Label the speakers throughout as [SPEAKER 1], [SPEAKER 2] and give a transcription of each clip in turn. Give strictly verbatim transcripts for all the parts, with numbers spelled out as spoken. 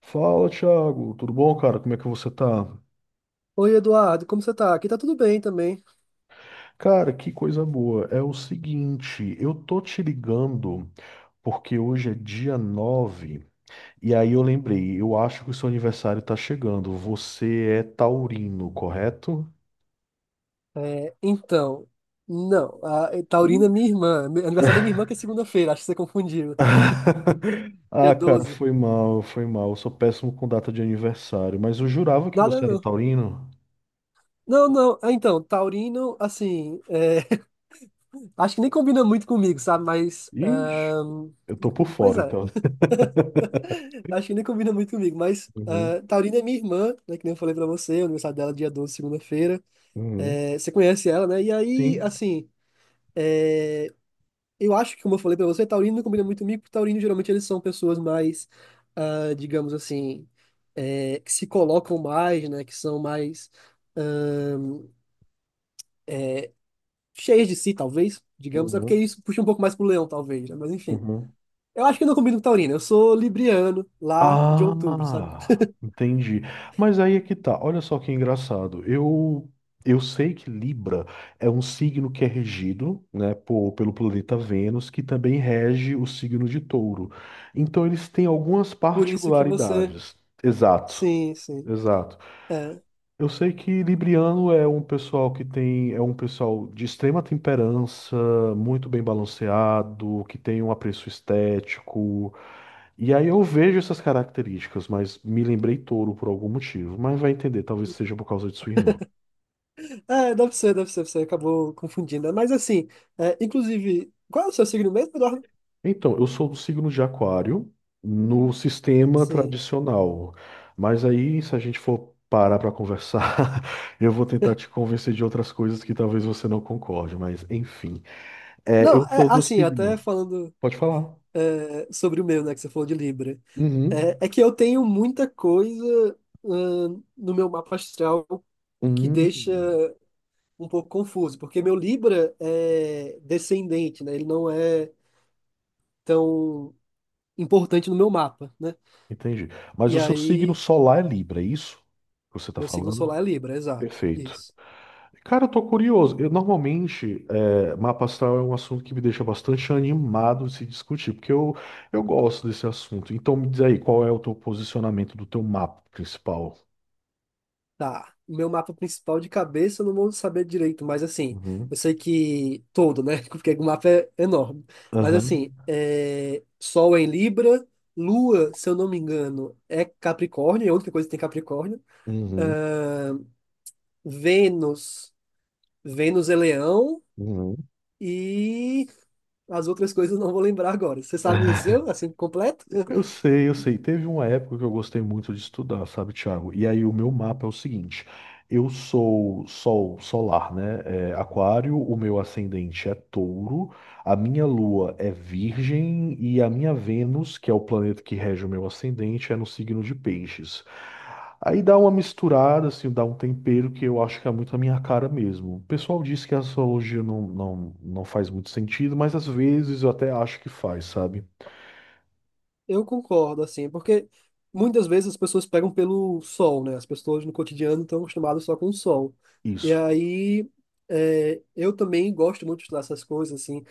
[SPEAKER 1] Fala, Thiago, tudo bom, cara? Como é que você tá?
[SPEAKER 2] Oi, Eduardo, como você tá? Aqui tá tudo bem também.
[SPEAKER 1] Cara, que coisa boa. É o seguinte, eu tô te ligando porque hoje é dia nove. E aí eu lembrei, eu acho que o seu aniversário tá chegando. Você é taurino, correto?
[SPEAKER 2] É, então, não, a a Taurina é
[SPEAKER 1] Sim.
[SPEAKER 2] minha irmã. Aniversário da minha irmã que é segunda-feira, acho que você confundiu. Dia
[SPEAKER 1] Ah, cara,
[SPEAKER 2] doze.
[SPEAKER 1] foi mal, foi mal. Eu sou péssimo com data de aniversário, mas eu jurava que
[SPEAKER 2] Nada
[SPEAKER 1] você era
[SPEAKER 2] não.
[SPEAKER 1] taurino.
[SPEAKER 2] Não, não. Ah, então, Taurino, assim, é, acho que nem combina muito comigo, sabe? Mas,
[SPEAKER 1] Ixi,
[SPEAKER 2] ahn,
[SPEAKER 1] eu tô por
[SPEAKER 2] pois
[SPEAKER 1] fora,
[SPEAKER 2] é,
[SPEAKER 1] então.
[SPEAKER 2] acho que nem combina muito comigo. Mas
[SPEAKER 1] Uhum,
[SPEAKER 2] ah, Taurina é minha irmã, né? Que nem eu falei pra você, o aniversário dela é dia doze, segunda-feira.
[SPEAKER 1] uhum.
[SPEAKER 2] É, você conhece ela, né? E aí,
[SPEAKER 1] Sim.
[SPEAKER 2] assim. É, eu acho que, como eu falei pra você, taurino não combina muito comigo, porque taurino geralmente eles são pessoas mais, ah, digamos assim, eh, que se colocam mais, né? Que são mais ahn, cheias de si, talvez, digamos. É porque
[SPEAKER 1] Uhum,
[SPEAKER 2] isso puxa um pouco mais pro leão, talvez, né? Mas enfim.
[SPEAKER 1] uhum.
[SPEAKER 2] Eu acho que eu não combino com taurino. Eu sou libriano, lá de outubro, sabe?
[SPEAKER 1] Ah, entendi. Mas aí é que tá. Olha só que engraçado. Eu eu sei que Libra é um signo que é regido, né, por, pelo planeta Vênus, que também rege o signo de Touro. Então eles têm algumas
[SPEAKER 2] Por isso que você...
[SPEAKER 1] particularidades. Exato,
[SPEAKER 2] Sim, sim.
[SPEAKER 1] exato.
[SPEAKER 2] É,
[SPEAKER 1] Eu sei que Libriano é um pessoal que tem, é um pessoal de extrema temperança, muito bem balanceado, que tem um apreço estético. E aí eu vejo essas características, mas me lembrei touro por algum motivo, mas vai entender, talvez seja por causa de sua irmã.
[SPEAKER 2] é deve ser, deve ser. Você acabou confundindo, né? Mas assim, é, inclusive... Qual é o seu signo mesmo, Eduardo?
[SPEAKER 1] Então, eu sou do signo de Aquário no sistema
[SPEAKER 2] Sim.
[SPEAKER 1] tradicional, mas aí se a gente for parar para conversar, eu vou tentar te convencer de outras coisas que talvez você não concorde, mas enfim. É,
[SPEAKER 2] Não,
[SPEAKER 1] eu
[SPEAKER 2] é
[SPEAKER 1] sou do
[SPEAKER 2] assim, até
[SPEAKER 1] signo.
[SPEAKER 2] falando...
[SPEAKER 1] Pode falar.
[SPEAKER 2] É, sobre o meu, né, que você falou de Libra.
[SPEAKER 1] Uhum.
[SPEAKER 2] É, é que eu tenho muita coisa, hum, no meu mapa astral que
[SPEAKER 1] Hum,
[SPEAKER 2] deixa um pouco confuso, porque meu Libra é descendente, né? Ele não é tão importante no meu mapa, né?
[SPEAKER 1] entendi. Mas
[SPEAKER 2] E
[SPEAKER 1] o seu signo
[SPEAKER 2] aí,
[SPEAKER 1] solar é Libra, é isso que você está
[SPEAKER 2] meu signo
[SPEAKER 1] falando?
[SPEAKER 2] solar é Libra, exato,
[SPEAKER 1] Perfeito.
[SPEAKER 2] isso.
[SPEAKER 1] Cara, eu tô curioso. Eu normalmente, é, mapa astral é um assunto que me deixa bastante animado de se discutir, porque eu, eu gosto desse assunto. Então me diz aí, qual é o teu posicionamento do teu mapa principal?
[SPEAKER 2] Tá, meu mapa principal de cabeça eu não vou saber direito, mas assim, eu
[SPEAKER 1] Uhum.
[SPEAKER 2] sei que todo, né? Porque o mapa é enorme. Mas
[SPEAKER 1] Aham.
[SPEAKER 2] assim, é... Sol é em Libra, Lua, se eu não me engano, é Capricórnio, é a única coisa que tem Capricórnio.
[SPEAKER 1] Uhum.
[SPEAKER 2] Ahn, Vênus, Vênus é Leão
[SPEAKER 1] Uhum.
[SPEAKER 2] e as outras coisas eu não vou lembrar agora. Você sabe o seu, assim, completo?
[SPEAKER 1] Eu sei, eu sei. Teve uma época que eu gostei muito de estudar, sabe, Thiago? E aí o meu mapa é o seguinte: eu sou sol solar, né? É, aquário, o meu ascendente é touro, a minha lua é virgem e a minha Vênus, que é o planeta que rege o meu ascendente, é no signo de peixes. Aí dá uma misturada, assim, dá um tempero que eu acho que é muito a minha cara mesmo. O pessoal diz que a astrologia não, não, não faz muito sentido, mas às vezes eu até acho que faz, sabe?
[SPEAKER 2] Eu concordo, assim, porque muitas vezes as pessoas pegam pelo sol, né? As pessoas no cotidiano estão acostumadas só com o sol. E
[SPEAKER 1] Isso.
[SPEAKER 2] aí, é, eu também gosto muito de estudar essas coisas, assim,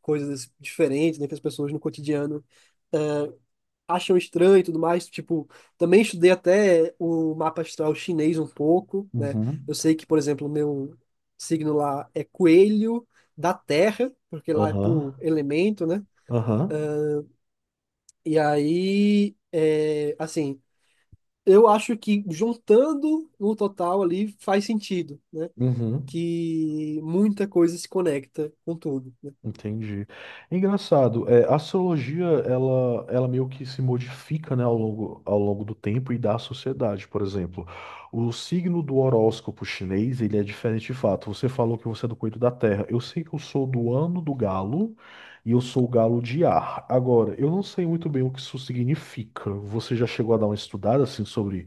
[SPEAKER 2] coisas diferentes, né, que as pessoas no cotidiano é, acham estranho e tudo mais. Tipo, também estudei até o mapa astral chinês um pouco, né?
[SPEAKER 1] Uhum.
[SPEAKER 2] Eu sei que, por exemplo, o meu signo lá é coelho da terra, porque lá é por
[SPEAKER 1] Aham,
[SPEAKER 2] elemento, né?
[SPEAKER 1] aham,
[SPEAKER 2] E aí, é, assim. Eu acho que juntando no total ali faz sentido, né?
[SPEAKER 1] uhum,
[SPEAKER 2] Que muita coisa se conecta com tudo, né?
[SPEAKER 1] entendi. É engraçado, é, a astrologia, ela, ela meio que se modifica, né, ao longo, ao longo do tempo e da sociedade, por exemplo. O signo do horóscopo chinês, ele é diferente de fato. Você falou que você é do coelho da terra. Eu sei que eu sou do ano do galo e eu sou o galo de ar. Agora, eu não sei muito bem o que isso significa. Você já chegou a dar uma estudada, assim, sobre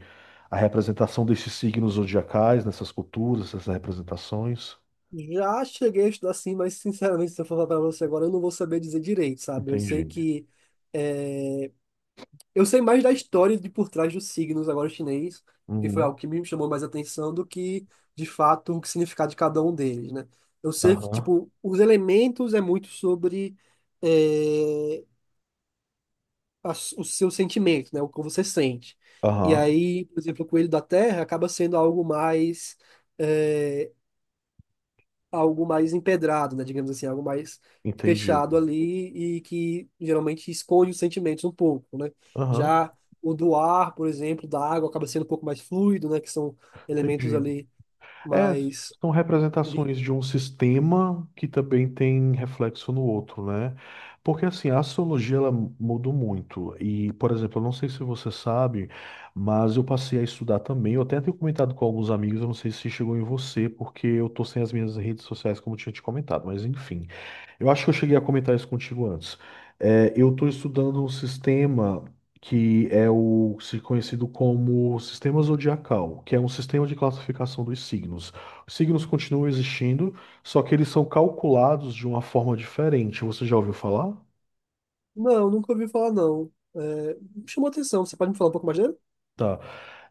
[SPEAKER 1] a representação desses signos zodiacais, nessas culturas, essas representações?
[SPEAKER 2] Já cheguei a estudar assim, mas sinceramente, se eu falar para você agora, eu não vou saber dizer direito, sabe? Eu sei
[SPEAKER 1] Entendi.
[SPEAKER 2] que é, eu sei mais da história de por trás dos signos agora chinês, que foi
[SPEAKER 1] Uhum.
[SPEAKER 2] algo que me chamou mais atenção do que, de fato, o que significado de cada um deles, né? Eu sei que,
[SPEAKER 1] Aham.
[SPEAKER 2] tipo, os elementos é muito sobre eh, a s- o seu sentimento, né? O que você sente. E
[SPEAKER 1] Aham.
[SPEAKER 2] aí, por exemplo, o coelho da terra acaba sendo algo mais, é, algo mais empedrado, né? Digamos assim, algo mais fechado
[SPEAKER 1] Entendido.
[SPEAKER 2] ali e que geralmente esconde os sentimentos um pouco, né?
[SPEAKER 1] Aham.
[SPEAKER 2] Já o do ar, por exemplo, da água acaba sendo um pouco mais fluido, né? Que são elementos
[SPEAKER 1] Entendi.
[SPEAKER 2] ali
[SPEAKER 1] É,
[SPEAKER 2] mais
[SPEAKER 1] são
[SPEAKER 2] livres.
[SPEAKER 1] representações de um sistema que também tem reflexo no outro, né? Porque assim, a astrologia ela mudou muito. E, por exemplo, eu não sei se você sabe, mas eu passei a estudar também. Eu até tenho comentado com alguns amigos, eu não sei se chegou em você, porque eu tô sem as minhas redes sociais, como eu tinha te comentado, mas enfim. Eu acho que eu cheguei a comentar isso contigo antes. É, eu estou estudando um sistema que é o se conhecido como sistema zodiacal, que é um sistema de classificação dos signos. Os signos continuam existindo, só que eles são calculados de uma forma diferente. Você já ouviu falar?
[SPEAKER 2] Não, nunca ouvi falar, não. É, me chamou atenção. Você pode me falar um pouco mais dele?
[SPEAKER 1] Tá.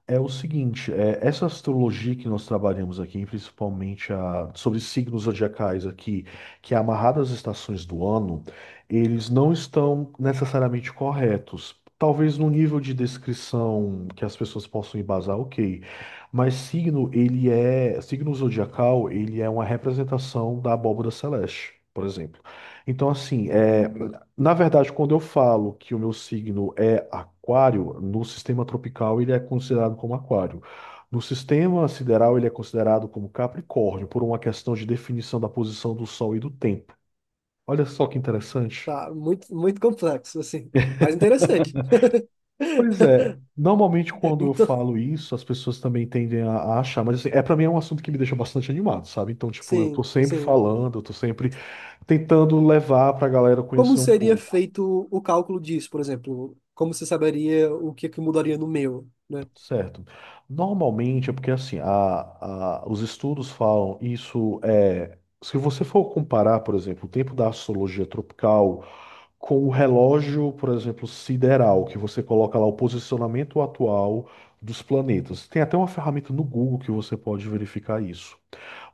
[SPEAKER 1] É o seguinte, é, essa astrologia que nós trabalhamos aqui, principalmente a, sobre signos zodiacais aqui, que é amarrada às estações do ano, eles não estão necessariamente corretos. Talvez no nível de descrição que as pessoas possam embasar, ok. Mas signo, ele é, signo zodiacal, ele é uma representação da abóbora celeste, por exemplo. Então, assim, é, na verdade, quando eu falo que o meu signo é aquário, no sistema tropical ele é considerado como aquário. No sistema sideral ele é considerado como Capricórnio, por uma questão de definição da posição do Sol e do tempo. Olha só que interessante.
[SPEAKER 2] Tá, muito, muito complexo, assim, mas interessante.
[SPEAKER 1] Pois é, normalmente quando eu
[SPEAKER 2] Então,
[SPEAKER 1] falo isso, as pessoas também tendem a, a achar, mas assim, é para mim é um assunto que me deixa bastante animado, sabe? Então, tipo, eu tô
[SPEAKER 2] sim,
[SPEAKER 1] sempre
[SPEAKER 2] sim.
[SPEAKER 1] falando, eu tô sempre tentando levar pra galera
[SPEAKER 2] Como
[SPEAKER 1] conhecer um
[SPEAKER 2] seria
[SPEAKER 1] pouco.
[SPEAKER 2] feito o cálculo disso, por exemplo? Como você saberia o que é que mudaria no meu, né?
[SPEAKER 1] Certo. Normalmente é porque assim, a, a- os estudos falam isso é, se você for comparar, por exemplo, o tempo da astrologia tropical com o relógio, por exemplo, sideral, que você coloca lá o posicionamento atual dos planetas. Tem até uma ferramenta no Google que você pode verificar isso.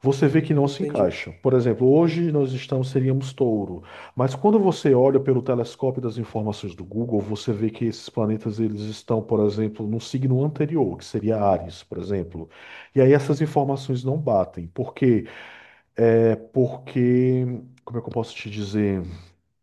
[SPEAKER 1] Você vê que não se
[SPEAKER 2] Entendi.
[SPEAKER 1] encaixa. Por exemplo, hoje nós estamos, seríamos touro, mas quando você olha pelo telescópio das informações do Google, você vê que esses planetas eles estão, por exemplo, no signo anterior, que seria Áries, por exemplo. E aí essas informações não batem. Por quê? É porque, como é que eu posso te dizer?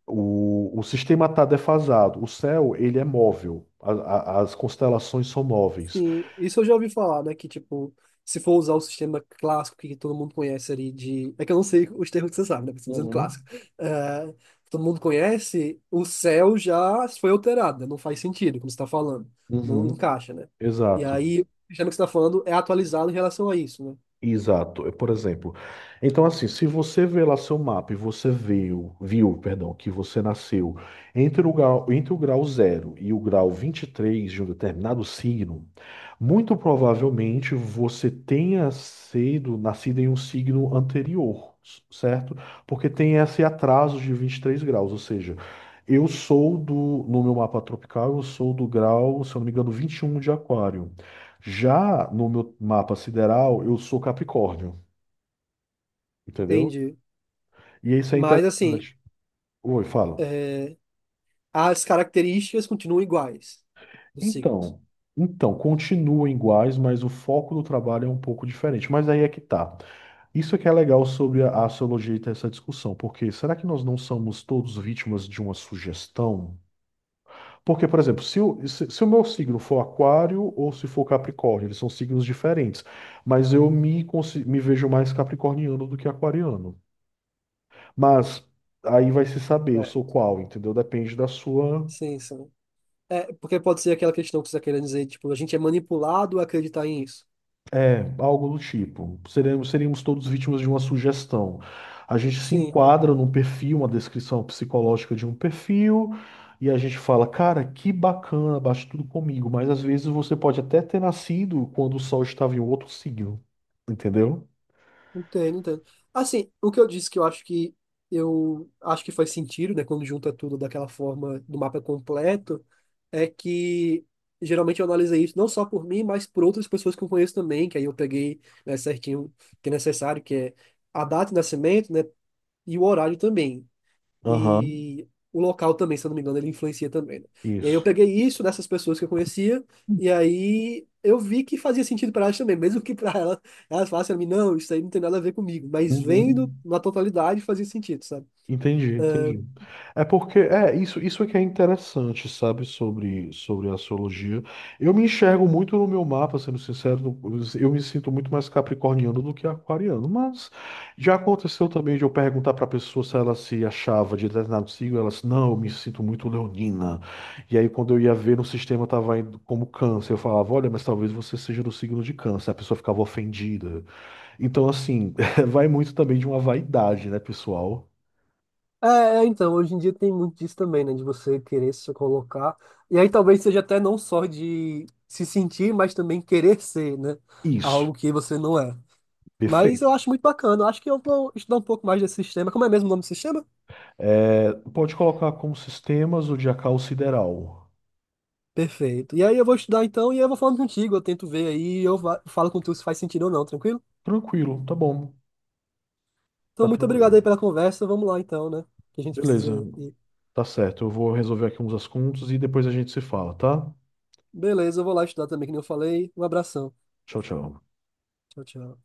[SPEAKER 1] O, o sistema está defasado. O céu, ele é móvel. A- a- as constelações são móveis.
[SPEAKER 2] Sim, isso eu já ouvi falar, né? Que, tipo, se for usar o sistema clássico que todo mundo conhece ali de... É que eu não sei os termos que você sabe, né? Estou dizendo clássico.
[SPEAKER 1] Uhum.
[SPEAKER 2] É, todo mundo conhece, o céu já foi alterado, né? Não faz sentido, como você está falando. Não
[SPEAKER 1] Uhum.
[SPEAKER 2] encaixa, né? E
[SPEAKER 1] Exato.
[SPEAKER 2] aí, o sistema que você está falando é atualizado em relação a isso, né?
[SPEAKER 1] Exato, é, por exemplo. Então, assim, se você vê lá seu mapa e você viu, viu, perdão, que você nasceu entre o grau, entre o grau zero e o grau vinte e três de um determinado signo, muito provavelmente você tenha sido nascido em um signo anterior, s- certo? Porque tem esse atraso de vinte e três graus, ou seja, eu sou do, no meu mapa tropical, eu sou do grau, se eu não me engano, vinte e um de aquário. Já no meu mapa sideral, eu sou Capricórnio, entendeu?
[SPEAKER 2] Entendi.
[SPEAKER 1] E isso é
[SPEAKER 2] Mas, assim...
[SPEAKER 1] interessante. Oi, fala.
[SPEAKER 2] eh, as características continuam iguais dos signos.
[SPEAKER 1] Então, então, continuam iguais, mas o foco do trabalho é um pouco diferente. Mas aí é que tá. Isso é que é legal sobre a astrologia e ter essa discussão, porque será que nós não somos todos vítimas de uma sugestão? Porque, por exemplo, se o, se, se o meu signo for Aquário ou se for Capricórnio, eles são signos diferentes, mas eu me, consi- me vejo mais capricorniano do que aquariano. Mas aí vai se saber, eu
[SPEAKER 2] É,
[SPEAKER 1] sou qual, entendeu? Depende da sua,
[SPEAKER 2] sim, sim. É, porque pode ser aquela questão que você está querendo dizer, tipo, a gente é manipulado a acreditar em isso.
[SPEAKER 1] é, algo do tipo. Seremos, seríamos todos vítimas de uma sugestão. A gente se
[SPEAKER 2] Sim,
[SPEAKER 1] enquadra num perfil, uma descrição psicológica de um perfil, e a gente fala, cara, que bacana, bate tudo comigo. Mas às vezes você pode até ter nascido quando o sol estava em outro signo, entendeu?
[SPEAKER 2] entendo, entendo. Assim, o que eu disse que eu acho que eu acho que faz sentido, né, quando junta tudo daquela forma do mapa completo, é que geralmente eu analisei isso não só por mim, mas por outras pessoas que eu conheço também, que aí eu peguei, né, certinho o que é necessário, que é a data de nascimento, né, e o horário também.
[SPEAKER 1] Aham,
[SPEAKER 2] E o local também, se eu não me engano, ele influencia também, né? E aí eu
[SPEAKER 1] isso.
[SPEAKER 2] peguei isso dessas pessoas que eu conhecia, e aí eu vi que fazia sentido para elas também, mesmo que para elas, elas falassem a mim, não, isso aí não tem nada a ver comigo, mas vendo
[SPEAKER 1] Uhum.
[SPEAKER 2] na totalidade fazia sentido, sabe?
[SPEAKER 1] Entendi, entendi. É porque é isso, isso, é que é interessante, sabe, sobre sobre a astrologia. Eu me enxergo muito no meu mapa, sendo sincero, no- eu me sinto muito mais capricorniano do que aquariano, mas já aconteceu também de eu perguntar para a pessoa se ela se achava de determinado signo, ela disse, não, eu me sinto muito leonina. E aí quando eu ia ver no sistema estava indo como câncer, eu falava, olha, mas talvez você seja do signo de câncer. A pessoa ficava ofendida. Então assim, vai muito também de uma vaidade, né, pessoal?
[SPEAKER 2] É, então, hoje em dia tem muito disso também, né? De você querer se colocar. E aí talvez seja até não só de se sentir, mas também querer ser, né?
[SPEAKER 1] Isso.
[SPEAKER 2] Algo que você não é. Mas eu
[SPEAKER 1] Perfeito.
[SPEAKER 2] acho muito bacana. Eu acho que eu vou estudar um pouco mais desse sistema. Como é mesmo o nome do sistema?
[SPEAKER 1] É, pode colocar como sistemas o Diacal Sideral.
[SPEAKER 2] Perfeito. E aí eu vou estudar então e eu vou falando contigo. Eu tento ver aí e eu va- falo com tu se faz sentido ou não, tranquilo?
[SPEAKER 1] Tranquilo, tá bom.
[SPEAKER 2] Então,
[SPEAKER 1] Tá
[SPEAKER 2] muito
[SPEAKER 1] tranquilo.
[SPEAKER 2] obrigado aí pela conversa. Vamos lá então, né? Que a gente
[SPEAKER 1] Beleza,
[SPEAKER 2] precisa ir.
[SPEAKER 1] tá certo. Eu vou resolver aqui uns assuntos e depois a gente se fala, tá?
[SPEAKER 2] Beleza, eu vou lá estudar também, que nem eu falei. Um abração.
[SPEAKER 1] Tchau, tchau.
[SPEAKER 2] Tchau, tchau.